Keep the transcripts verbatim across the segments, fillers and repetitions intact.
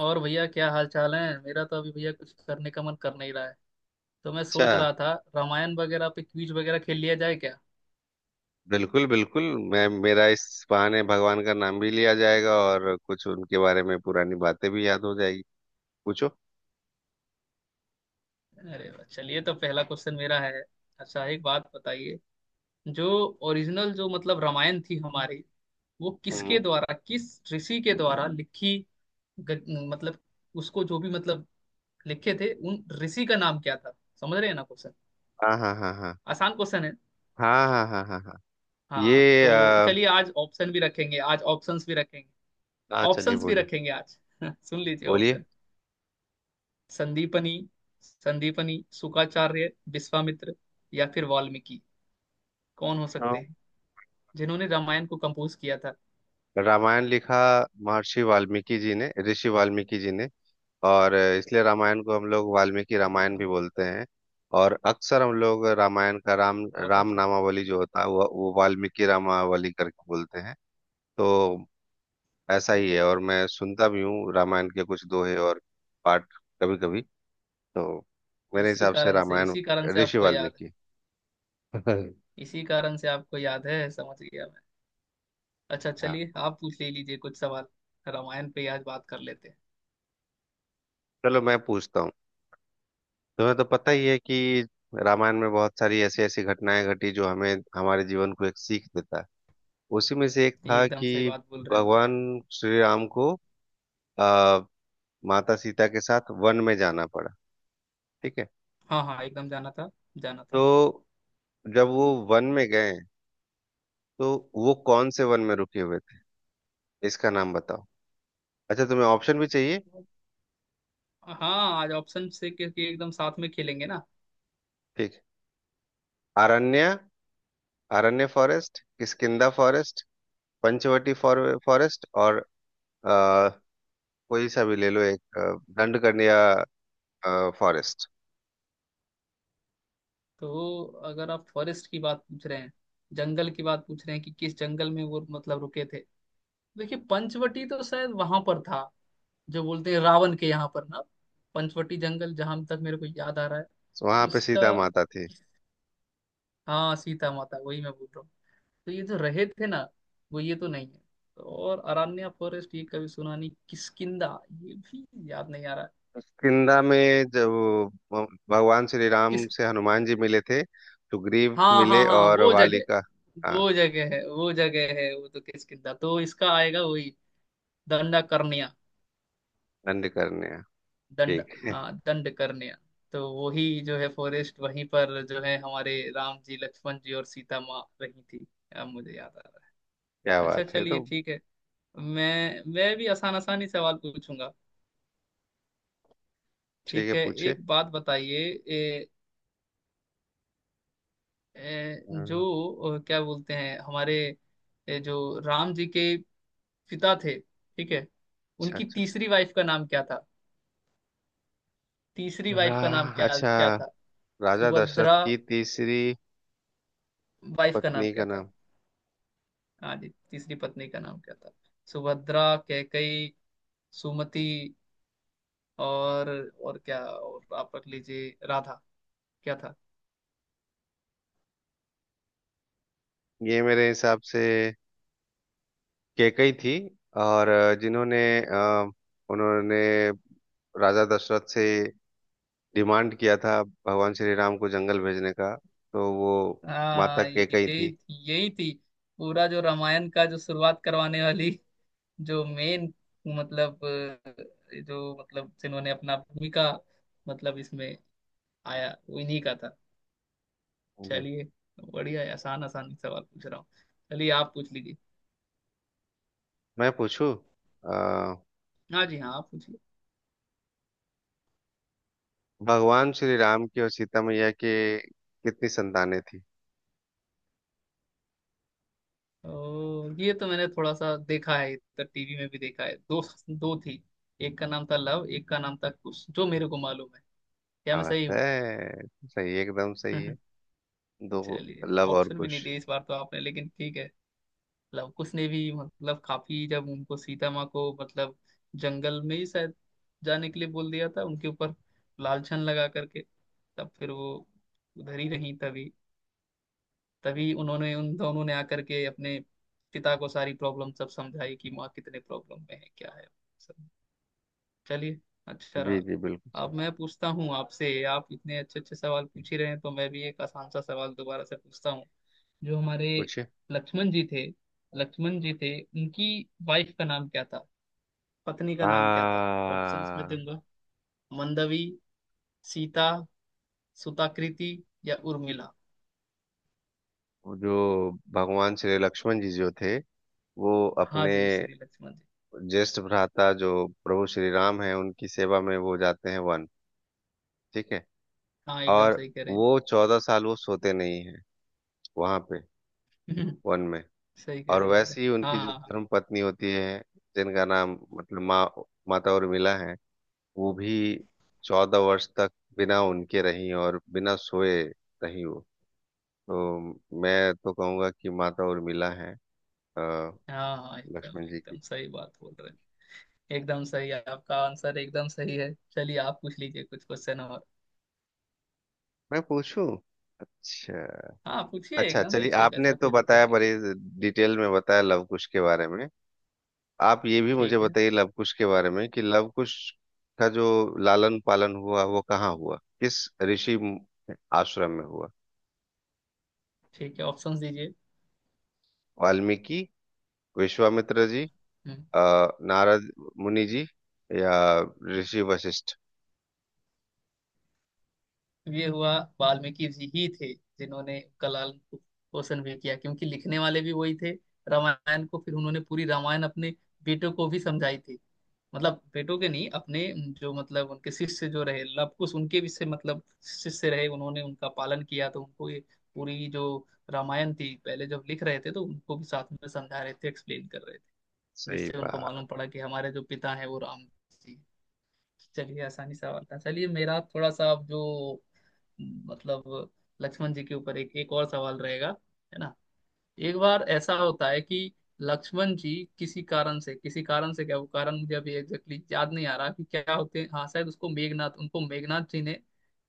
और भैया क्या हाल चाल है। मेरा तो अभी भैया कुछ करने का मन कर नहीं रहा है, तो मैं अच्छा। सोच रहा था रामायण वगैरह पे क्विज वगैरह खेल लिया जाए क्या। बिल्कुल बिल्कुल। मैं मेरा इस बहाने भगवान का नाम भी लिया जाएगा और कुछ उनके बारे में पुरानी बातें भी याद हो जाएगी। पूछो। अरे वाह, चलिए तो पहला क्वेश्चन मेरा है। अच्छा, एक बात बताइए। जो ओरिजिनल जो मतलब रामायण थी हमारी, वो किसके हम्म। द्वारा, किस ऋषि के द्वारा लिखी, ग, मतलब उसको जो भी मतलब लिखे थे उन ऋषि का नाम क्या था। समझ रहे हैं ना क्वेश्चन? हाँ हाँ हाँ हाँ। आसान क्वेश्चन है। हाँ हाँ हाँ हाँ हाँ। हाँ ये तो अ, चलिए, आज ऑप्शन भी रखेंगे, आज ऑप्शंस भी रखेंगे। हाँ, चलिए ऑप्शंस भी बोलिए। रखेंगे आज। सुन लीजिए बोलिए। ऑप्शन। संदीपनी, संदीपनी शुक्राचार्य, विश्वामित्र या फिर वाल्मीकि, कौन हो हाँ, सकते हैं जिन्होंने रामायण को कंपोज किया था। रामायण लिखा महर्षि वाल्मीकि जी ने, ऋषि वाल्मीकि जी ने। और इसलिए रामायण को हम लोग वाल्मीकि अरे रामायण वाह, भी बोलते हैं। और अक्सर हम लोग रामायण का राम बहुत राम अच्छा। नामावली जो होता है वो, वो वाल्मीकि रामावली करके बोलते हैं। तो ऐसा ओ, ही है। और मैं सुनता भी हूँ रामायण के कुछ दोहे और पाठ कभी कभी। तो मेरे इसी हिसाब से कारण से रामायण इसी कारण से ऋषि आपको याद है, इसी कारण से आपको याद है, समझ गया मैं। अच्छा हाँ, चलिए, आप पूछ ले लीजिए कुछ सवाल। रामायण पे ही आज बात कर लेते हैं। चलो मैं पूछता हूँ। तुम्हें तो पता ही है कि रामायण में बहुत सारी ऐसी ऐसी घटनाएं घटी जो हमें हमारे जीवन को एक सीख देता है। उसी में से एक ये था एकदम सही कि बात बोल रहे हैं भैया आप। भगवान श्री राम को आ, माता सीता के साथ वन में जाना पड़ा। ठीक है। हाँ हाँ एकदम जाना था, जाना था। तो जब वो वन में गए तो वो कौन से वन में रुके हुए थे, इसका नाम बताओ। अच्छा, तुम्हें ऑप्शन भी चाहिए। हाँ आज ऑप्शन से, क्योंकि एकदम साथ में खेलेंगे ना। ठीक। अरण्य, अरण्य forest, Kishkindha forest, Panchavati forest और अ, कोई सा भी ले लो एक, अ, दंडकन्या फॉरेस्ट। तो अगर आप फॉरेस्ट की बात पूछ रहे हैं, जंगल की बात पूछ रहे हैं कि किस जंगल में वो मतलब रुके थे। देखिए पंचवटी तो शायद वहां पर था, जो बोलते हैं रावण के यहाँ पर ना। पंचवटी जंगल, जहां तक मेरे को याद आ रहा है तो वहां पे इसका। सीता माता थी। हाँ सीता माता, वही मैं बोल रहा हूँ। तो ये जो रहे थे ना, वो ये तो नहीं है। तो और अरण्या फॉरेस्ट ये कभी सुना नहीं। किसकिंदा ये भी याद नहीं आ रहा। किष्किंधा में जब वो भगवान श्री राम किस से हनुमान जी मिले थे, तो ग्रीव हाँ हाँ मिले हाँ और। वो जगह, हाँ। वो जगह है, वो जगह है। वो तो किसकिंदा, तो इसका आएगा वही। दंडा कर्ण्या। दंडकन्या। दंड ठीक है। हाँ दंड कर्ण्या। तो वही जो है फॉरेस्ट, वहीं पर जो है हमारे राम जी, लक्ष्मण जी और सीता माँ रही थी। अब मुझे याद आ रहा क्या है। अच्छा बात है। चलिए तो ठीक है। मैं मैं भी आसान आसानी सवाल पूछूंगा। ठीक है, ठीक है। पूछिए। एक बात बताइए। ए, ए, जो अ, क्या बोलते हैं हमारे ए, जो राम जी के पिता थे, ठीक है। अच्छा। उनकी अच्छा। तीसरी वाइफ का नाम क्या था? तीसरी अच्छा वाइफ का नाम रा- क्या अच्छा, क्या था? राजा दशरथ सुभद्रा, की तीसरी वाइफ का नाम पत्नी क्या का, था? हाँ जी, तीसरी पत्नी का नाम क्या था? सुभद्रा, कैकई, सुमति और और क्या, और आप रख लीजिए राधा। क्या था? ये मेरे हिसाब से कैकई थी। और अ, जिन्होंने अ, उन्होंने राजा दशरथ से डिमांड किया था भगवान श्री राम को जंगल भेजने का, तो वो माता हाँ यही, यही थी। पूरा जो रामायण का जो शुरुआत करवाने वाली, जो मेन मतलब अ, जो मतलब जिन्होंने अपना भूमिका मतलब इसमें आया वो इन्हीं का था। होंगी। चलिए बढ़िया है, आसान आसान सवाल पूछ रहा हूँ। चलिए आप पूछ लीजिए। मैं पूछूं। अ, हाँ जी, हाँ आप पूछिए। भगवान श्री राम की और सीता मैया के कितनी संतानें थी। ओ, ये तो मैंने थोड़ा सा देखा है, तो टीवी में भी देखा है। दो, दो थी। एक का नाम था लव, एक का नाम था कुश, जो मेरे को मालूम है। क्या क्या मैं बात सही हूँ? है, सही एकदम सही है। दो, चलिए, लव और ऑप्शन भी नहीं कुश। दिए इस बार तो आपने, लेकिन ठीक है। लव कुश ने भी मतलब काफी, जब उनको सीता माँ को मतलब जंगल में ही शायद जाने के लिए बोल दिया था उनके ऊपर लालछन लगा करके, तब फिर वो उधर ही रही। तभी तभी उन्होंने, उन दोनों ने आकर के अपने पिता को सारी प्रॉब्लम सब समझाई कि माँ कितने प्रॉब्लम में है, क्या है सब। चलिए, अच्छा जी रहा। जी बिल्कुल। अब मैं पूछता हूँ आपसे। आप इतने अच्छे अच्छे सवाल पूछ ही रहे हैं, तो मैं भी एक आसान सा सवाल दोबारा से पूछता हूँ। जो हमारे लक्ष्मण जी थे, लक्ष्मण जी थे, उनकी वाइफ का नाम क्या था? पत्नी का नाम क्या था? ऑप्शंस में आ, दूंगा। मंदवी, सीता, सुताकृति या उर्मिला। जो भगवान श्री लक्ष्मण जी जो थे, वो हाँ अपने जी, श्री लक्ष्मण जी। ज्येष्ठ भ्राता जो प्रभु श्री राम है उनकी सेवा में वो जाते हैं वन। ठीक है। हाँ एकदम और सही कह रहे वो चौदह साल वो सोते नहीं है वहां पे, हैं। वन में। सही कह और रहे हैं एकदम। वैसे ही हाँ उनकी हाँ जो पत्नी होती है जिनका नाम मतलब माँ, माता उर्मिला है, वो भी चौदह वर्ष तक बिना उनके रही और बिना सोए रही वो। तो मैं तो कहूंगा कि माता उर्मिला है। अ, हाँ हाँ एकदम एकदम सही बात बोल रहे हैं। एकदम सही है आपका आंसर, एकदम सही है। चलिए आप पूछ लीजिए कुछ क्वेश्चन और। मैं पूछूं। हाँ पूछिए, अच्छा, एकदम चलिए। पूछिए, आपने ऐसा तो कोई दिक्कत बताया नहीं। बड़ी डिटेल में बताया लव कुश के बारे में। आप ये भी मुझे ठीक है। बताइए लव कुश के बारे में कि लव कुश का जो लालन पालन हुआ वो कहाँ हुआ, किस ऋषि आश्रम में हुआ। ठीक है, ऑप्शंस दीजिए। वाल्मीकि, विश्वामित्र जी, हम्म। अ, नारद मुनि जी, या ऋषि वशिष्ठ। ये हुआ, वाल्मीकि जी ही थे जिन्होंने कलाल को पोषण भी किया, क्योंकि लिखने वाले भी वही थे रामायण को। फिर उन्होंने पूरी रामायण अपने बेटों को भी समझाई थी, मतलब बेटों के नहीं, अपने जो मतलब उनके शिष्य जो रहे लव कुश, उनके भी से मतलब शिष्य रहे, उन्होंने उनका पालन किया। तो उनको ये पूरी जो रामायण थी, पहले जब लिख रहे थे, तो उनको भी साथ में समझा रहे थे, एक्सप्लेन कर रहे थे, सही जिससे उनको मालूम बात। पड़ा कि हमारे जो पिता हैं वो राम जी। चलिए आसानी सवाल था। चलिए मेरा थोड़ा सा अब, जो मतलब लक्ष्मण जी के ऊपर एक एक और सवाल रहेगा, है ना। एक बार ऐसा होता है कि लक्ष्मण जी किसी कारण से किसी कारण से, क्या वो कारण मुझे अभी एग्जैक्टली exactly याद नहीं आ रहा कि क्या होते हैं। हाँ शायद उसको मेघनाथ, उनको मेघनाथ जी ने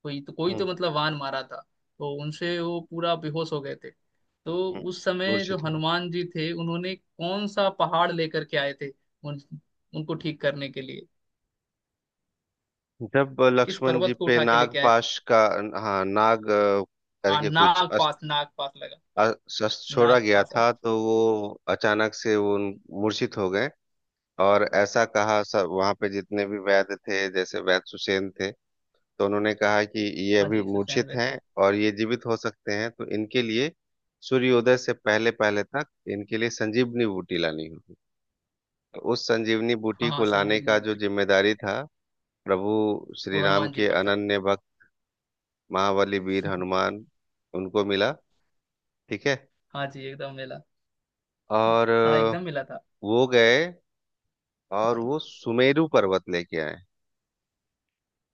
कोई तो कोई तो मतलब वान मारा था, तो उनसे वो पूरा बेहोश हो गए थे। तो हम्म। उस समय जो हनुमान जी थे, उन्होंने कौन सा पहाड़ लेकर के आए थे? उन, उनको ठीक करने के लिए, जब किस लक्ष्मण जी पर्वत को पे उठा के लेके आए थे? पाश का, हाँ नाग, अ, हाँ करके कुछ नाग पास, नाग पास लगा। अ- शस्त्र छोड़ा नाग गया पास आता। था, तो वो अचानक से वो मूर्छित हो गए। और ऐसा कहा सब वहां पे जितने भी वैद्य थे, जैसे वैद्य सुषेण थे, तो उन्होंने कहा कि ये हाँ अभी जी सुसैन मूर्छित वे हैं थे। और ये जीवित हो सकते हैं, तो इनके लिए सूर्योदय से पहले पहले तक इनके लिए संजीवनी बूटी लानी होगी। तो उस संजीवनी बूटी हाँ हाँ को लाने संजीवनी का जो बूटी, जिम्मेदारी था, प्रभु वो श्री राम हनुमान जी के पर था। अनन्य भक्त महाबली वीर हनुमान उनको मिला। ठीक है। हाँ जी एकदम मिला। और हाँ अ, एकदम मिला था। वो गए और वो सुमेरु पर्वत लेके आए।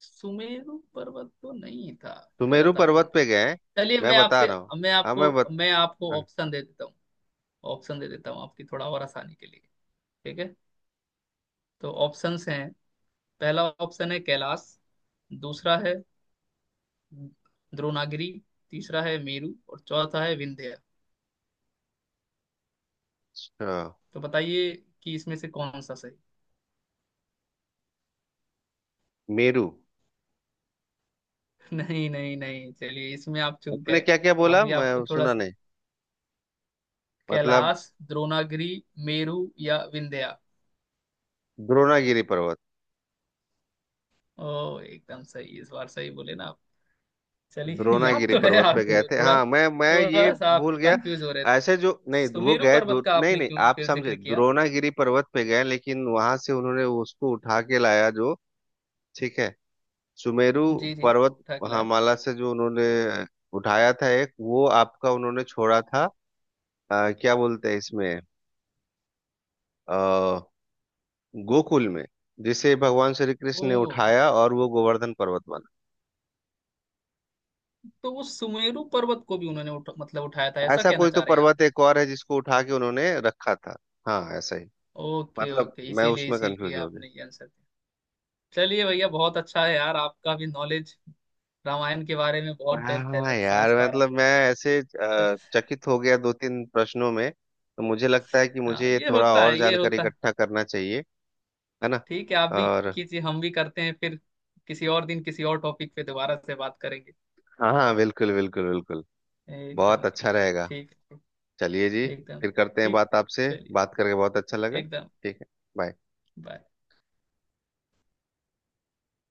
सुमेरु पर्वत तो नहीं था, सुमेरु गलत आप बोल पर्वत पे रहे हैं। गए। चलिए मैं मैं बता। आपसे, मैं हाँ आपको मैं मैं आपको ऑप्शन दे देता हूँ। ऑप्शन दे देता हूँ आपकी थोड़ा और आसानी के लिए, ठीक है। तो ऑप्शंस हैं, पहला ऑप्शन है कैलाश, दूसरा है द्रोणागिरी, तीसरा है मेरु और चौथा है विंध्य। बता। तो बताइए कि इसमें से कौन सा सही। मेरू। नहीं नहीं नहीं, चलिए, इसमें आप चूक गए। क्या क्या बोला, अभी आपको मैं थोड़ा सुना सा, नहीं। मतलब कैलाश, द्रोणागिरी, मेरु या विंध्या। द्रोणागिरी पर्वत। ओ एकदम सही, इस बार सही बोले ना आप। चलिए याद द्रोणागिरी तो है पर्वत। आपको, थोड़ा हाँ मैं मैं ये थोड़ा सा आप कंफ्यूज हो रहे थे। ऐसे जो नहीं वो सुमेरु गए पर्वत दो। का आपने क्यों आप फिर समझे, जिक्र किया? द्रोणागिरी पर्वत पे गए लेकिन वहां से उन्होंने उसको उठा के लाया जो, ठीक है, सुमेरु जी जी पर्वत उठा के लाया। माला से जो उन्होंने उठाया था एक, वो आपका उन्होंने छोड़ा था। अ, क्या बोलते हैं इसमें, अ, गोकुल में जिसे भगवान श्री ओ, कृष्ण ने उठाया और वो गोवर्धन पर्वत बना। तो वो सुमेरु पर्वत को भी उन्होंने उठा, मतलब उठाया था, ऐसा कहना तो चाह रहे हैं आप। पर्वत एक और है जिसको उठा के उन्होंने रखा था। हाँ ऐसा ही। ओके मत- ओके, मैं इसीलिए उसमें इसीलिए कंफ्यूज। आपने ये आंसर दिया। चलिए भैया, बहुत अच्छा है यार, आपका भी नॉलेज रामायण के बारे में बहुत डेप्थ है, मैं समझ यार पा रहा मतलब मैं ऐसे हूँ। अ, चकित हो गया दो तीन प्रश्नों में, तो मुझे लगता है कि हाँ मुझे ये ये थोड़ा होता और है, ये जानना होता है। चाहिए। है ना। ठीक है, आप भी और, कीजिए, हम भी करते हैं। फिर किसी और दिन किसी और टॉपिक पे दोबारा से बात करेंगे। हाँ हाँ बिल्कुल बिल्कुल बिल्कुल। एकदम बहुत अच्छा एकदम रहेगा। ठीक, चलिए जी, एकदम फिर करते हैं ठीक, बात आपसे। चलिए, बात करके बहुत अच्छा लगा। एकदम बाय। बाय।